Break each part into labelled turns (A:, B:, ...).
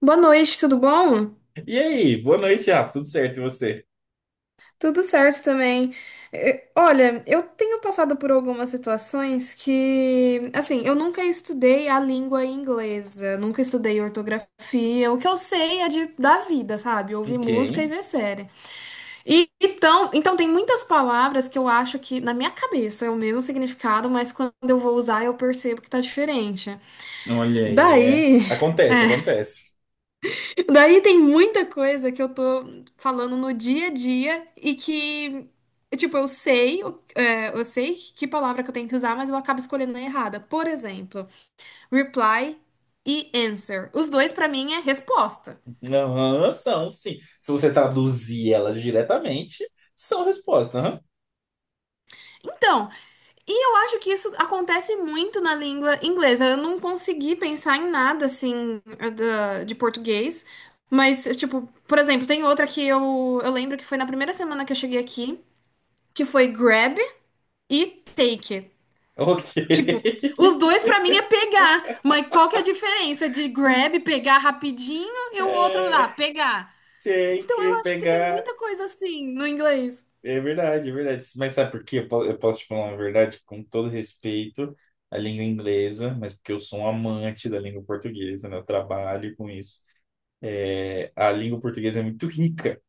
A: Boa noite, tudo bom?
B: E aí, boa noite, Rafa. Tudo certo? E você?
A: Tudo certo também. Olha, eu tenho passado por algumas situações que, assim, eu nunca estudei a língua inglesa, nunca estudei ortografia. O que eu sei é da vida, sabe? Ouvir
B: Ok.
A: música e ver série. Então tem muitas palavras que eu acho que na minha cabeça é o mesmo significado, mas quando eu vou usar eu percebo que tá diferente.
B: Olha aí, é.
A: Daí
B: Acontece, acontece.
A: Daí tem muita coisa que eu tô falando no dia a dia e que, tipo, eu sei, eu sei que palavra que eu tenho que usar, mas eu acabo escolhendo a errada. Por exemplo, reply e answer. Os dois pra mim é resposta.
B: Aham, são, sim. Se você traduzir elas diretamente, são respostas, aham.
A: Então, eu acho que isso acontece muito na língua inglesa. Eu não consegui pensar em nada assim de português, mas, tipo, por exemplo, tem outra que eu lembro que foi na primeira semana que eu cheguei aqui, que foi grab e take.
B: Ok.
A: Tipo, os dois pra mim é pegar, mas qual que é a diferença de grab, pegar rapidinho e o outro lá,
B: É,
A: pegar?
B: tem
A: Então eu
B: que
A: acho que tem
B: pegar.
A: muita coisa assim no inglês.
B: É verdade, é verdade. Mas sabe por quê? Eu posso te falar uma verdade com todo respeito à língua inglesa, mas porque eu sou um amante da língua portuguesa, né? Eu trabalho com isso. É, a língua portuguesa é muito rica,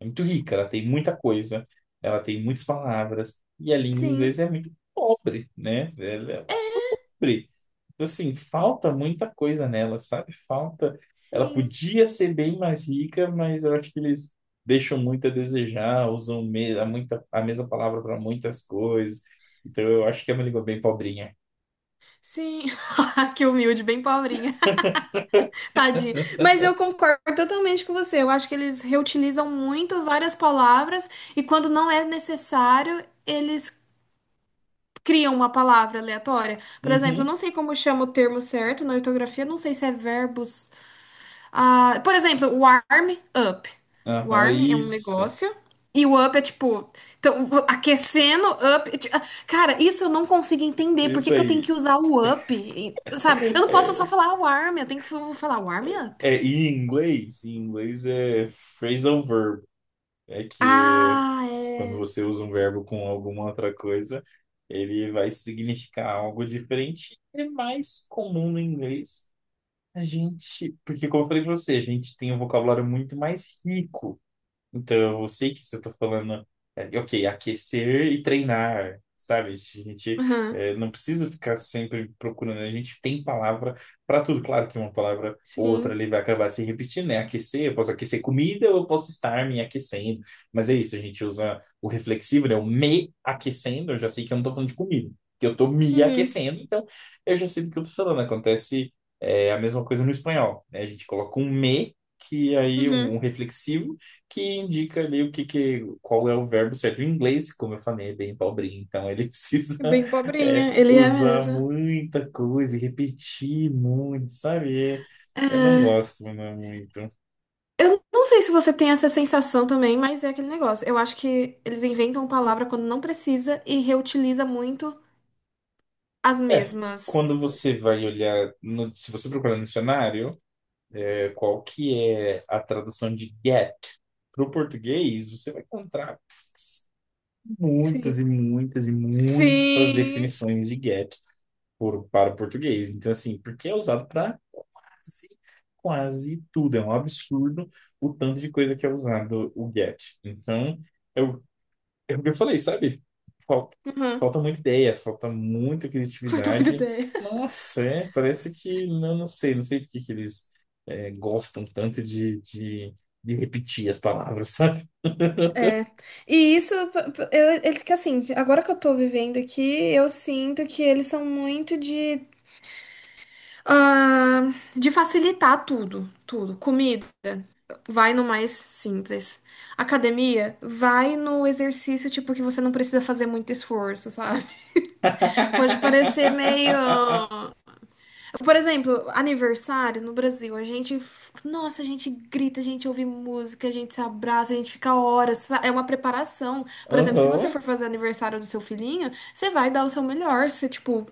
B: é muito rica, ela tem muita coisa, ela tem muitas palavras, e a língua
A: Sim,
B: inglesa é muito pobre, né? Ela é
A: é,
B: pobre. Então, assim, falta muita coisa nela, sabe? Falta. Ela
A: sim,
B: podia ser bem mais rica, mas eu acho que eles deixam muito a desejar, usam a mesma palavra para muitas coisas. Então, eu acho que é uma língua bem pobrinha.
A: sim. Que humilde, bem pobrinha. Tadinha. Mas eu concordo totalmente com você. Eu acho que eles reutilizam muito várias palavras e quando não é necessário, eles criam uma palavra aleatória. Por exemplo, eu
B: Uhum,
A: não sei como chama o termo certo na ortografia, não sei se é verbos. Ah, por exemplo, warm up.
B: aham,
A: Warm é um
B: isso,
A: negócio. E o up é tipo, então, aquecendo, up. Ah, cara, isso eu não consigo entender. Por que
B: isso
A: que eu tenho que
B: aí.
A: usar o up? E, sabe? Eu não posso só
B: É,
A: falar warm, eu tenho que falar warm up.
B: e em inglês é phrasal verb, é que é.
A: Ah,
B: Quando
A: é.
B: você usa um verbo com alguma outra coisa, ele vai significar algo diferente. É mais comum no inglês. A gente, porque como eu falei para você, a gente tem um vocabulário muito mais rico. Então, eu sei que se eu tô falando, ok, aquecer e treinar, sabe? A gente
A: Aham,
B: é, não precisa ficar sempre procurando, a gente tem palavra para tudo. Claro que uma palavra ou outra
A: sim.
B: ali vai acabar se repetindo, né? Aquecer, eu posso aquecer comida, eu posso estar me aquecendo. Mas é isso, a gente usa o reflexivo, né? O me aquecendo, eu já sei que eu não tô falando de comida, que eu tô me
A: Uhum,
B: aquecendo, então eu já sei do que eu tô falando. Acontece a mesma coisa no espanhol, né? A gente coloca um me, que aí um
A: uhum.
B: reflexivo que indica ali o que, que qual é o verbo certo. Em inglês, como eu falei, é bem pobrinho, então ele precisa,
A: É bem pobrinha, ele é
B: usar
A: mesmo.
B: muita coisa e repetir muito, sabe? É, eu não gosto, não é muito.
A: Eu não sei se você tem essa sensação também, mas é aquele negócio. Eu acho que eles inventam palavra quando não precisa e reutiliza muito as
B: É,
A: mesmas.
B: quando você vai olhar, se você procurar no dicionário, qual que é a tradução de get para o português, você vai encontrar muitas
A: Sim.
B: e muitas e muitas
A: Sim.
B: definições de get para o português. Então, assim, porque é usado para quase, quase tudo. É um absurdo o tanto de coisa que é usado o get. Então, eu é o que eu falei, sabe? Falta,
A: Uhum.
B: falta muita ideia, falta muita
A: Foi tua
B: criatividade.
A: ideia.
B: Nossa, é, parece que, não, não sei, não sei por que que eles, gostam tanto de repetir as palavras, sabe?
A: É. E isso, eles que assim, agora que eu tô vivendo aqui, eu sinto que eles são muito de, ah, de facilitar tudo, tudo. Comida, vai no mais simples. Academia, vai no exercício tipo que você não precisa fazer muito esforço, sabe? Pode parecer meio, por exemplo, aniversário no Brasil, a gente, nossa, a gente grita, a gente ouve música, a gente se abraça, a gente fica horas, é uma preparação. Por exemplo, se você
B: Aham.
A: for fazer aniversário do seu filhinho, você vai dar o seu melhor, você, tipo,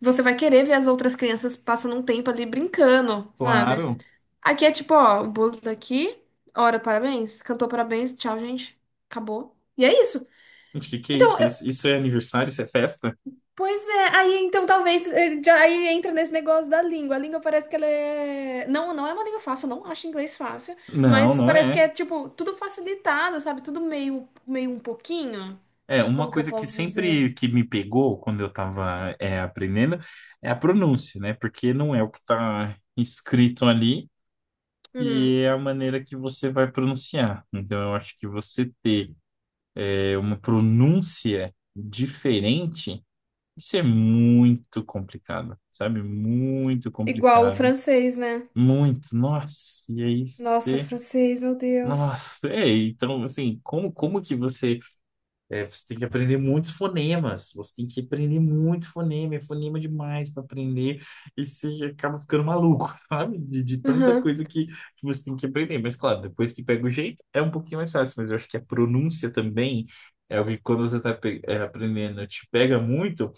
A: você vai querer ver as outras crianças passando um tempo ali brincando, sabe?
B: Claro.
A: Aqui é tipo, ó, o bolo tá aqui, ora, parabéns, cantou parabéns, tchau, gente, acabou. E é isso.
B: Gente, que é
A: Então,
B: isso?
A: eu-
B: Isso é aniversário? Isso é festa?
A: Pois é, aí então talvez já aí entra nesse negócio da língua. A língua parece que ela é. Não, não é uma língua fácil, eu não acho inglês fácil,
B: Não,
A: mas
B: não
A: parece que
B: é.
A: é tipo tudo facilitado, sabe? Tudo meio, meio um pouquinho.
B: É, uma
A: Como que eu
B: coisa que
A: posso dizer?
B: sempre que me pegou quando eu estava aprendendo é a pronúncia, né? Porque não é o que está escrito ali
A: Uhum.
B: e é a maneira que você vai pronunciar. Então, eu acho que você ter, uma pronúncia diferente, isso é muito complicado, sabe? Muito
A: Igual o
B: complicado.
A: francês, né?
B: Muito, nossa, e aí
A: Nossa,
B: você,
A: francês, meu Deus.
B: nossa, é, então assim, como, como que você. É, você tem que aprender muitos fonemas. Você tem que aprender muito fonema. É fonema demais para aprender. E você acaba ficando maluco, sabe? De tanta
A: Uhum,
B: coisa que você tem que aprender. Mas, claro, depois que pega o jeito, é um pouquinho mais fácil. Mas eu acho que a pronúncia também é algo que quando você está aprendendo, te pega muito,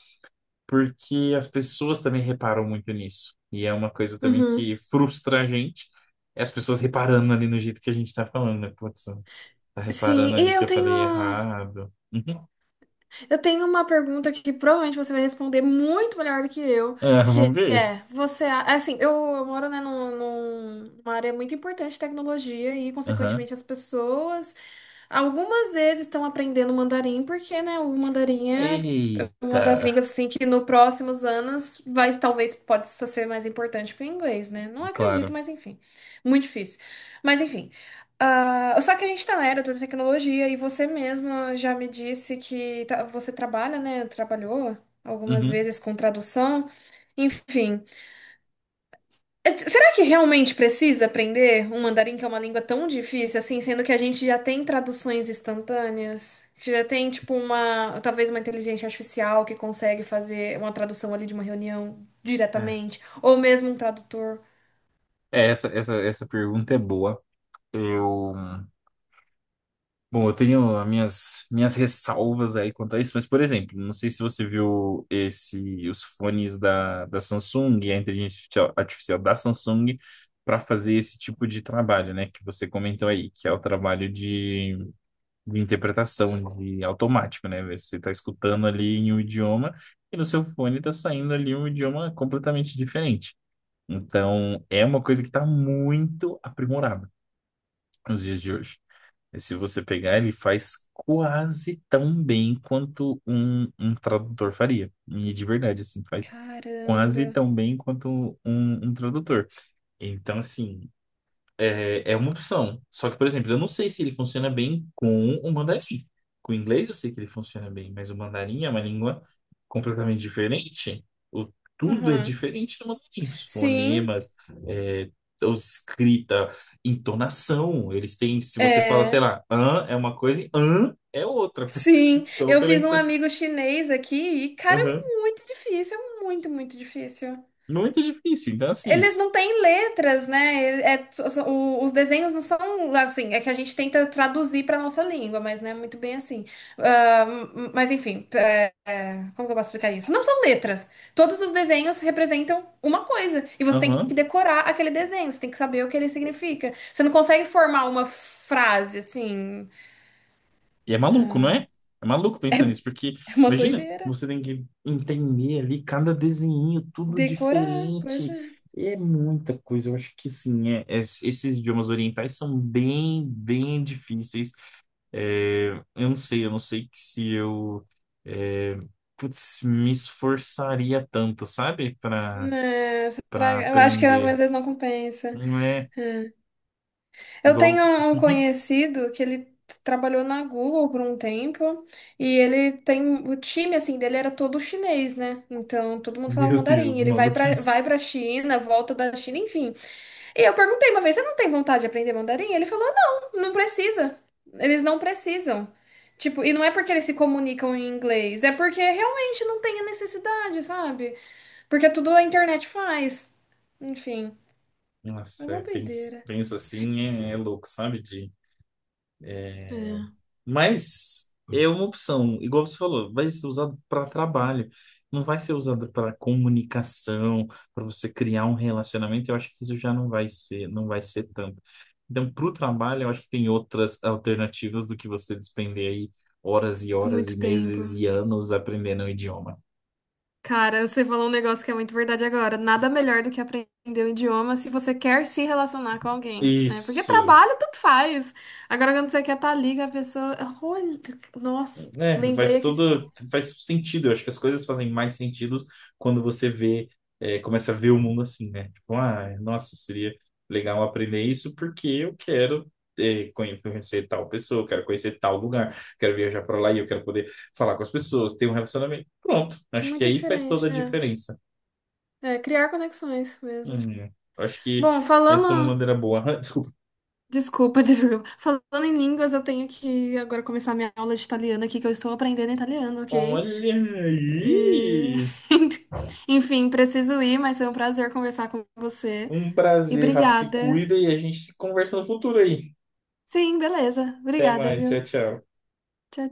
B: porque as pessoas também reparam muito nisso. E é uma coisa também
A: uhum.
B: que frustra a gente. É as pessoas reparando ali no jeito que a gente está falando, né? Putz, tá
A: Sim,
B: reparando
A: e
B: ali que
A: eu
B: eu
A: tenho.
B: falei errado.
A: Eu tenho uma pergunta que provavelmente você vai responder muito melhor do que eu,
B: Ah,
A: que
B: vamos ver.
A: é, você, eu moro, né, numa área muito importante de tecnologia e,
B: Aham.
A: consequentemente, as pessoas, algumas vezes estão aprendendo mandarim porque, né, o mandarim é
B: Eita,
A: uma das línguas assim que nos próximos anos vai talvez pode ser mais importante que o inglês, né? Não acredito,
B: claro.
A: mas enfim, muito difícil. Mas enfim, ah, só que a gente tá na era da tecnologia e você mesma já me disse que você trabalha, né? Trabalhou algumas
B: Uhum.
A: vezes com tradução, enfim. Será que realmente precisa aprender um mandarim que é uma língua tão difícil assim, sendo que a gente já tem traduções instantâneas? Já tem, tipo, uma, talvez uma inteligência artificial que consegue fazer uma tradução ali de uma reunião
B: É,
A: diretamente, ou mesmo um tradutor.
B: É, essa pergunta é boa. Eu, bom, eu tenho as minhas ressalvas aí quanto a isso, mas, por exemplo, não sei se você viu esse, os fones da Samsung, a inteligência artificial da Samsung, para fazer esse tipo de trabalho, né, que você comentou aí, que é o trabalho de interpretação, de automático, né? Você está escutando ali em um idioma e no seu fone está saindo ali um idioma completamente diferente. Então, é uma coisa que está muito aprimorada nos dias de hoje. E se você pegar, ele faz quase tão bem quanto um, um tradutor faria. E de verdade, assim, faz quase
A: Caramba.
B: tão bem quanto um, um tradutor. Então, assim, é uma opção. Só que, por exemplo, eu não sei se ele funciona bem com o mandarim. Com o inglês eu sei que ele funciona bem, mas o mandarim é uma língua completamente diferente. O, tudo é
A: Aham.
B: diferente no mandarim. Os
A: Sim,
B: fonemas, é, a escrita, entonação. Eles têm, se você fala, sei
A: é.
B: lá, an é uma coisa e an é outra.
A: Sim,
B: Só
A: eu
B: pela
A: fiz um
B: entonação.
A: amigo chinês aqui e, cara, é muito difícil, é muito, muito difícil.
B: Muito difícil. Então, assim,
A: Eles não têm letras, né? É, os desenhos não são assim, é que a gente tenta traduzir para nossa língua, mas não é muito bem assim. Ah, mas enfim, é, como que eu posso explicar isso? Não são letras. Todos os desenhos representam uma coisa e você tem
B: aham.
A: que decorar aquele desenho, você tem que saber o que ele significa. Você não consegue formar uma frase assim.
B: E é maluco, não é? É maluco pensar nisso, porque
A: É uma
B: imagina,
A: doideira.
B: você tem que entender ali cada desenho, tudo
A: Decorar, pois
B: diferente.
A: é.
B: É muita coisa. Eu acho que sim, esses idiomas orientais são bem, bem difíceis. É, eu não sei que se eu, é, putz, me esforçaria tanto, sabe? Para
A: Eu acho que
B: aprender.
A: algumas vezes não compensa.
B: Não é
A: Eu
B: igual.
A: tenho um conhecido que ele trabalhou na Google por um tempo e ele tem o time assim dele era todo chinês, né? Então todo mundo falava
B: Meu
A: mandarim.
B: Deus,
A: Ele vai
B: maluquice.
A: para China, volta da China, enfim. E eu perguntei uma vez, você não tem vontade de aprender mandarim? Ele falou, não, não precisa. Eles não precisam. Tipo, e não é porque eles se comunicam em inglês, é porque realmente não tem a necessidade, sabe? Porque tudo a internet faz. Enfim, é
B: Nossa,
A: uma
B: é, penso,
A: doideira.
B: penso assim, é, é louco, sabe? De...
A: É,
B: Mas é uma opção, igual você falou, vai ser usado para trabalho, não vai ser usado para comunicação, para você criar um relacionamento. Eu acho que isso já não vai ser, não vai ser tanto. Então, para o trabalho, eu acho que tem outras alternativas do que você despender aí horas e horas e
A: muito
B: meses
A: tempo.
B: e anos aprendendo o idioma.
A: Cara, você falou um negócio que é muito verdade agora. Nada melhor do que aprender um idioma se você quer se relacionar com alguém, né? Porque
B: Isso,
A: trabalho tanto faz. Agora, quando você quer estar ali com a pessoa. Olha, nossa,
B: é,
A: lembrei
B: faz
A: aqui de.
B: todo, faz sentido. Eu acho que as coisas fazem mais sentido quando você vê, começa a ver o mundo assim, né? Tipo, ah, nossa, seria legal aprender isso porque eu quero, conhecer tal pessoa, eu quero conhecer tal lugar, quero viajar para lá e eu quero poder falar com as pessoas, ter um relacionamento. Pronto, acho que
A: Muito
B: aí faz toda a
A: diferente, é.
B: diferença.
A: É, criar conexões mesmo.
B: Hum, acho que
A: Bom,
B: essa é uma
A: falando.
B: maneira boa. Desculpa.
A: Desculpa, desculpa. Falando em línguas, eu tenho que agora começar minha aula de italiano aqui, que eu estou aprendendo italiano, ok?
B: Olha
A: E...
B: aí!
A: Enfim, preciso ir, mas foi um prazer conversar com você.
B: Um
A: E
B: prazer, Rafa, se
A: obrigada.
B: cuida e a gente se conversa no futuro aí.
A: Sim, beleza.
B: Até
A: Obrigada,
B: mais, tchau,
A: viu?
B: tchau.
A: Tchau,